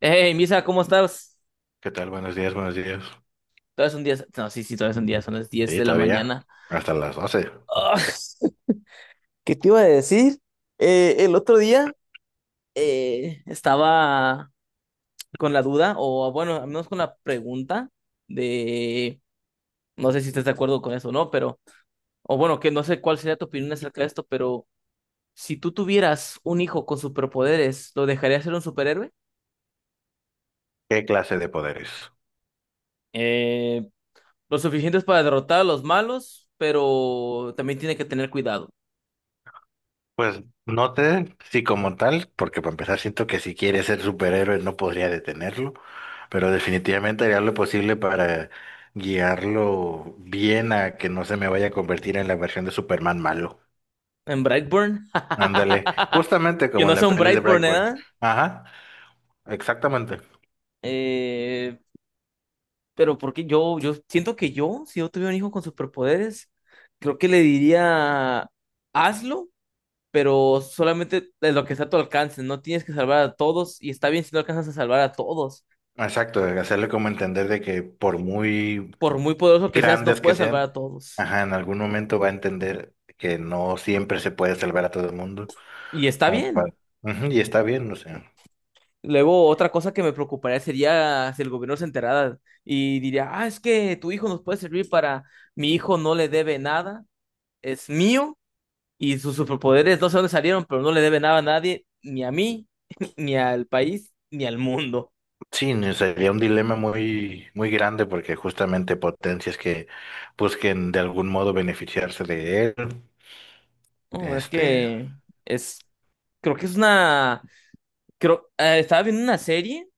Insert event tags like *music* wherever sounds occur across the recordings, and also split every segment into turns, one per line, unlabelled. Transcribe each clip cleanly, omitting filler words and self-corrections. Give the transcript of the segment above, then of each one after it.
Hey, Misa, ¿cómo estás?
¿Qué tal? Buenos días, buenos días.
Todavía es un día. No, sí, sí, todavía es un día, son las 10
Sí,
de la
todavía.
mañana.
Hasta las 12.
Ah, ¿qué te iba a decir? El otro día estaba con la duda, o bueno, al menos con la pregunta de. No sé si estás de acuerdo con eso o no, pero. O bueno, que no sé cuál sería tu opinión acerca de esto, pero si tú tuvieras un hijo con superpoderes, ¿lo dejarías ser un superhéroe?
¿Qué clase de poderes?
Eh, lo suficientes para derrotar a los malos, pero también tiene que tener cuidado.
Pues no te, sí como tal, porque para empezar siento que si quiere ser superhéroe no podría detenerlo, pero definitivamente haría lo posible para guiarlo bien a que no se me vaya a convertir en la versión de Superman malo.
En Brightburn.
Ándale,
*laughs*
justamente
Que
como
no
en la
sea un
peli de
Brightburn,
Brightburn.
¿eh?
Ajá, exactamente.
Eh, pero porque yo siento que yo, si yo tuviera un hijo con superpoderes, creo que le diría, hazlo, pero solamente de lo que está a tu alcance. No tienes que salvar a todos y está bien si no alcanzas a salvar a todos.
Exacto, hacerle como entender de que por muy
Por muy poderoso que seas, no
grandes que
puedes salvar
sean,
a todos.
ajá, en algún momento va a entender que no siempre se puede salvar a todo el mundo,
Y está
como
bien.
para- ujú, y está bien, o sea,
Luego, otra cosa que me preocuparía sería si el gobierno se enterara y diría, ah, es que tu hijo nos puede servir para, mi hijo no le debe nada, es mío, y sus superpoderes no sé dónde salieron, pero no le debe nada a nadie, ni a mí, *laughs* ni al país, ni al mundo.
sí, no, sería un dilema muy grande porque justamente potencias que busquen de algún modo beneficiarse de él,
No, es
este,
que es, creo que es una, creo, estaba viendo una serie,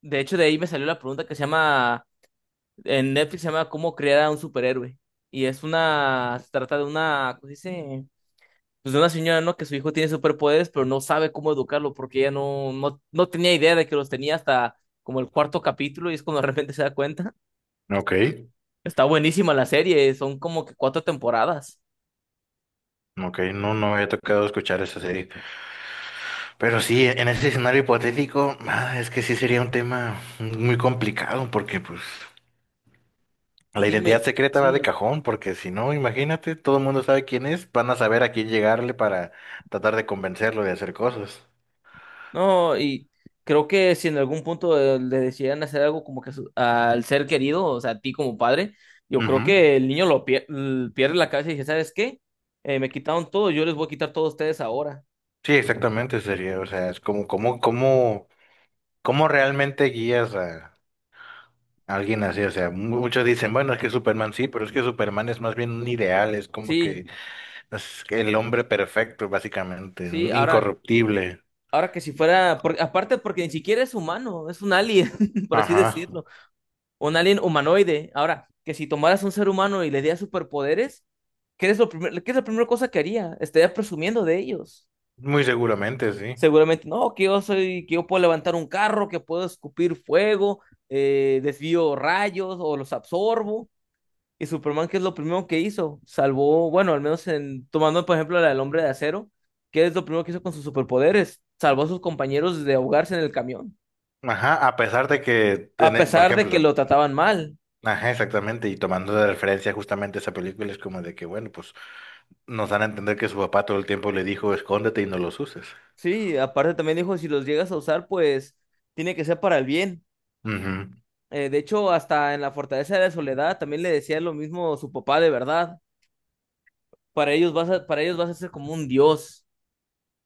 de hecho de ahí me salió la pregunta que se llama, en Netflix se llama ¿Cómo crear a un superhéroe? Y es una, se trata de una, ¿cómo se dice? Pues de una señora, ¿no? Que su hijo tiene superpoderes, pero no sabe cómo educarlo porque ella no, no, no tenía idea de que los tenía hasta como el cuarto capítulo y es cuando de repente se da cuenta.
ok,
Está buenísima la serie, son como que cuatro temporadas.
ok, no, no había tocado escuchar esa serie, pero sí, en ese escenario hipotético, ah, es que sí sería un tema muy complicado porque pues... La identidad
Dime,
secreta va de
sí,
cajón, porque si no, imagínate, todo el mundo sabe quién es, van a saber a quién llegarle para tratar de convencerlo de hacer cosas.
no, y creo que si en algún punto le decidieran hacer algo como que al ser querido, o sea, a ti como padre, yo creo
Ujú.
que el niño pierde la cabeza y dice, ¿sabes qué? Me quitaron todo, yo les voy a quitar todo a ustedes ahora.
Sí, exactamente sería, o sea, es como, como, como, cómo realmente guías a alguien así, o sea, muchos dicen, bueno, es que Superman sí, pero es que Superman es más bien un ideal, es como
Sí,
que es el hombre perfecto, básicamente,
sí,
un
ahora,
incorruptible.
ahora que si fuera, aparte porque ni siquiera es humano, es un alien, *laughs* por así
Ajá,
decirlo. Un alien humanoide. Ahora, que si tomaras un ser humano y le dieras superpoderes, qué es la primera cosa que haría? Estaría presumiendo de ellos.
muy seguramente, sí.
Seguramente, no, que yo puedo levantar un carro, que puedo escupir fuego, desvío rayos o los absorbo. Y Superman, ¿qué es lo primero que hizo? Salvó, bueno, al menos en, tomando por ejemplo la del hombre de acero, ¿qué es lo primero que hizo con sus superpoderes? Salvó a sus compañeros de ahogarse en el camión,
Ajá, a pesar de que,
a
por
pesar de que
ejemplo,
lo trataban mal.
ajá, exactamente, y tomando de referencia justamente esa película es como de que, bueno, pues nos dan a entender que su papá todo el tiempo le dijo, escóndete y no los uses.
Sí, aparte también dijo, si los llegas a usar, pues tiene que ser para el bien.
Ujú,
De hecho, hasta en la Fortaleza de la Soledad también le decía lo mismo su papá de verdad. Para ellos vas a ser como un dios,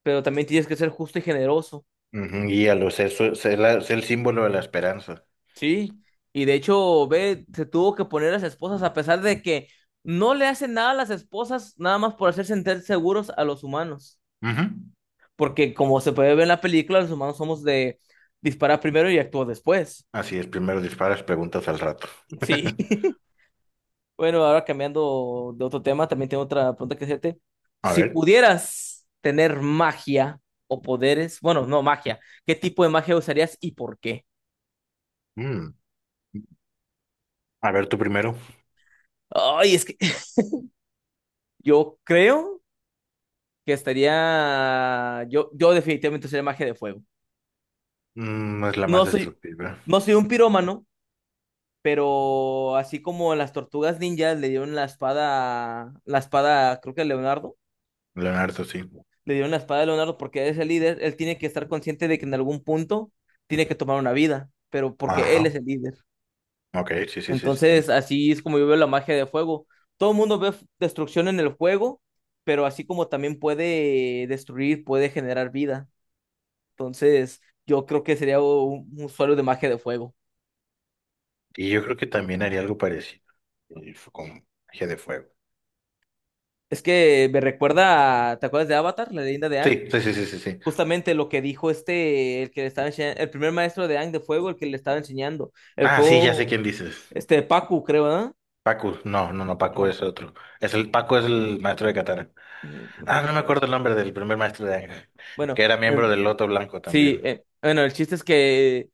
pero también tienes que ser justo y generoso.
ujú, guíalos, es el símbolo de la esperanza.
Sí. Y de hecho, ve, se tuvo que poner a las esposas a pesar de que no le hacen nada a las esposas, nada más por hacer sentir seguros a los humanos.
Ujú.
Porque como se puede ver en la película, los humanos somos de disparar primero y actuar después.
Así es, primero disparas, preguntas al rato.
Sí.
*laughs*
*laughs* Bueno, ahora cambiando de otro tema, también tengo otra pregunta que hacerte.
A
Si
ver,
pudieras tener magia o poderes, bueno, no magia, ¿qué tipo de magia usarías y por qué?
mm, a ver tú primero.
Ay, es que *laughs* yo creo que estaría, yo definitivamente usaría magia de fuego.
Mm, no es la más
No soy,
destructiva.
no soy un pirómano, pero así como las tortugas ninjas le dieron la espada, creo que a Leonardo.
Leonardo, sí.
Le dieron la espada a Leonardo porque es el líder, él tiene que estar consciente de que en algún punto tiene que tomar una vida, pero porque
Ajá,
él es el líder.
ok, sí, sí, sí, sí,
Entonces,
sí.
así es como yo veo la magia de fuego. Todo el mundo ve destrucción en el fuego, pero así como también puede destruir, puede generar vida. Entonces, yo creo que sería un usuario de magia de fuego.
Y yo creo que también haría algo parecido, y fue con magia de fuego.
Es que me recuerda, ¿te acuerdas de Avatar, la leyenda de Aang?
Sí, sí, sí, sí, sí, sí.
Justamente lo que dijo este, el que le estaba enseñando, el primer maestro de Aang de fuego, el que le estaba enseñando. El
Ah, sí, ya sé
fuego.
quién dices.
Este, Pacu, creo, ¿verdad?
Pacu, no, no, no, Paco
No,
es otro. Paco es el maestro de Katara.
otro
Ah,
que-.
no me acuerdo el nombre del primer maestro de Ángel,
Bueno,
que era
em,
miembro del Loto Blanco
sí,
también.
bueno, el chiste es que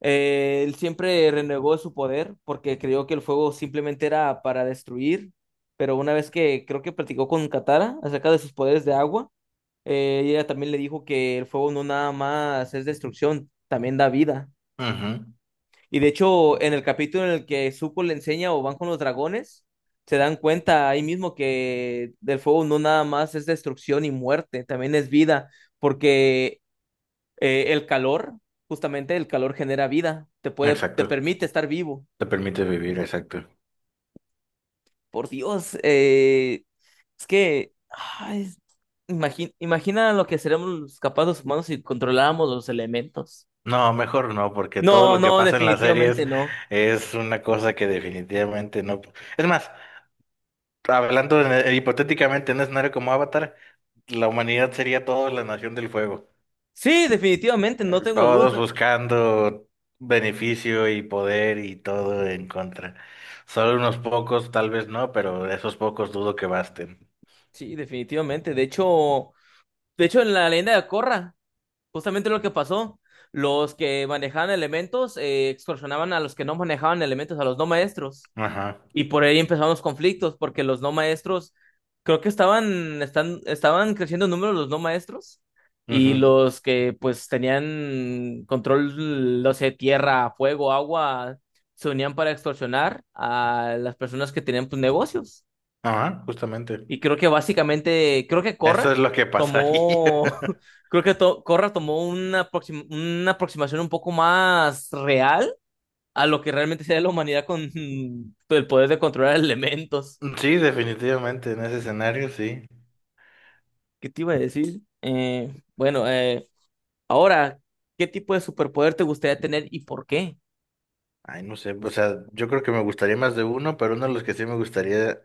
él siempre renegó su poder porque creyó que el fuego simplemente era para destruir, pero una vez que creo que platicó con Katara acerca de sus poderes de agua, ella también le dijo que el fuego no nada más es destrucción, también da vida.
Ujú,
Y de hecho, en el capítulo en el que Zuko le enseña o van con los dragones, se dan cuenta ahí mismo que del fuego no nada más es destrucción y muerte, también es vida, porque el calor, justamente el calor genera vida, te
exacto.
permite estar vivo.
Te permite vivir, exacto.
Por Dios, es que ay, imagina lo que seremos capaces los humanos si controláramos los elementos.
No, mejor no, porque todo
No,
lo que
no,
pasa en las
definitivamente
series
no.
es una cosa que definitivamente no. Es más, hipotéticamente en un escenario como Avatar, la humanidad sería toda la nación del fuego.
Sí, definitivamente, no tengo
Todos
dudas.
buscando beneficio y poder y todo en contra. Solo unos pocos, tal vez no, pero esos pocos dudo que basten.
Sí, definitivamente. De hecho, en la leyenda de Corra, justamente lo que pasó, los que manejaban elementos extorsionaban a los que no manejaban elementos, a los no maestros.
Ajá,
Y por ahí empezaron los conflictos, porque los no maestros, creo que estaban, están, estaban creciendo en número los no maestros, y
ujú,
los que pues tenían control, no sé, tierra, fuego, agua, se unían para extorsionar a las personas que tenían pues negocios.
ajá, justamente.
Y creo que básicamente, creo que Corra
Eso es lo que pasaría.
tomó, *laughs*
*laughs*
creo que Corra tomó una, una aproximación un poco más real a lo que realmente sea la humanidad con *laughs* el poder de controlar elementos.
Sí, definitivamente, en ese escenario, sí.
¿Qué te iba a decir? Bueno, ahora, ¿qué tipo de superpoder te gustaría tener y por qué?
Ay, no sé, o sea, yo creo que me gustaría más de uno, pero uno de los que sí me gustaría,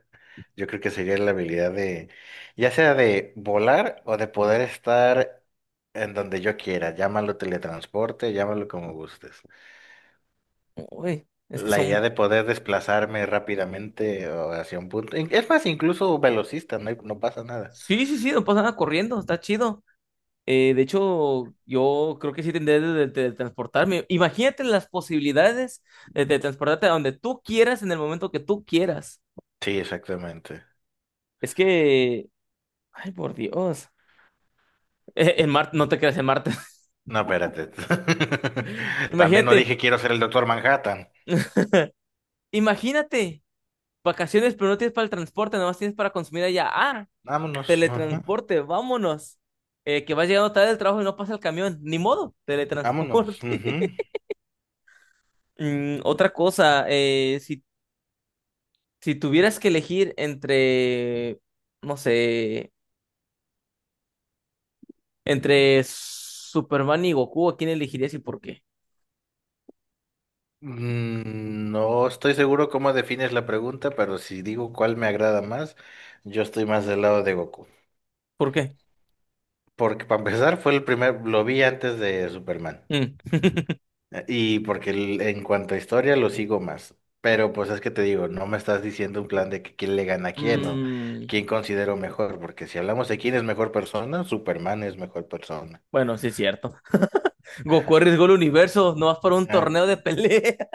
yo creo que sería la habilidad de, ya sea de volar o de poder estar en donde yo quiera, llámalo teletransporte, llámalo como gustes.
Uy, es que
La idea
son.
de poder desplazarme rápidamente o hacia un punto, es más, incluso velocista, no, no pasa nada.
Sí, sí, sí, no pasa nada corriendo, está chido. De hecho, yo creo que sí tendría transportarme. Imagínate las posibilidades de transportarte a donde tú quieras en el momento que tú quieras.
Sí, exactamente.
Es que, ay, por Dios. En Marte, no te creas en Marte. *laughs*
No, espérate. *laughs* También no
Imagínate,
dije quiero ser el doctor Manhattan.
imagínate, vacaciones, pero no tienes para el transporte, nomás tienes para consumir allá. Ah,
Vámonos, ajá,
teletransporte, vámonos. Que vas llegando tarde del trabajo y no pasa el camión. Ni modo,
vámonos. Ujú.
teletransporte. *laughs* Otra cosa, Si tuvieras que elegir entre, no sé, entre Superman y Goku, ¿a quién elegirías y por qué?
Mm, no estoy seguro cómo defines la pregunta, pero si digo cuál me agrada más, yo estoy más del lado de Goku.
¿Por qué?
Porque para empezar fue el primer, lo vi antes de Superman.
Mm.
Y porque en cuanto a historia lo sigo más. Pero pues es que te digo, no me estás diciendo un plan de que quién le gana a quién o
Mm,
quién considero mejor. Porque si hablamos de quién es mejor persona, Superman es mejor persona.
bueno, sí es cierto. *laughs* Goku arriesgó el universo, no vas para un
Ah,
torneo de pelea.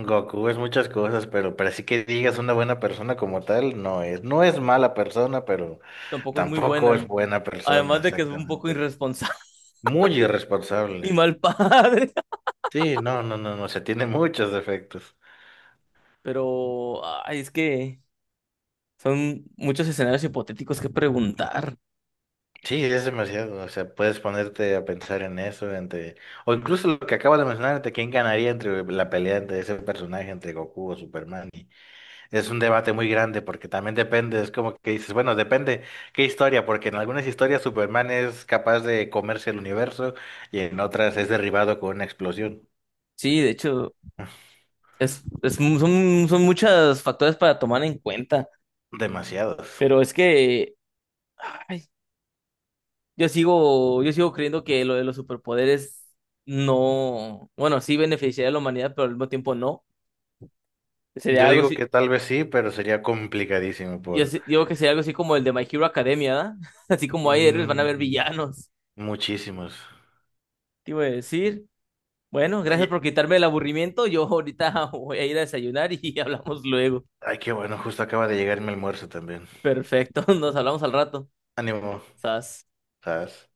Goku es muchas cosas, pero así que digas una buena persona como tal, no es. No es mala persona, pero
*laughs* Tampoco es muy
tampoco
buena.
es buena persona,
Además de que es un poco
exactamente.
irresponsable
Muy
*laughs* y
irresponsable.
mal padre.
Sí, no, no, no, no, se tiene muchos defectos.
*laughs* Pero, ay, es que son muchos escenarios hipotéticos que preguntar.
Sí, es demasiado. O sea, puedes ponerte a pensar en eso, entre... o incluso lo que acabas de mencionar, entre quién ganaría entre la pelea entre ese personaje, entre Goku o Superman. Es un debate muy grande porque también depende, es como que dices, bueno, depende qué historia, porque en algunas historias Superman es capaz de comerse el universo y en otras es derribado con una explosión.
Sí, de hecho, son muchos factores para tomar en cuenta.
Demasiados.
Pero es que ay, yo sigo creyendo que lo de los superpoderes no, bueno, sí beneficiaría a la humanidad, pero al mismo tiempo no. Sería
Yo
algo
digo
así,
que tal vez sí, pero sería complicadísimo por
digo que sería algo así como el de My Hero Academia, ¿da? *laughs* Así como hay héroes, van a haber
mm,
villanos.
muchísimos.
Te iba a decir, bueno, gracias por
Ay,
quitarme el aburrimiento. Yo ahorita *laughs* voy a ir a desayunar y *laughs* hablamos luego.
ay, qué bueno, justo acaba de llegar mi almuerzo también.
Perfecto, *laughs* nos hablamos al rato.
Ánimo,
Sas.
¿sabes?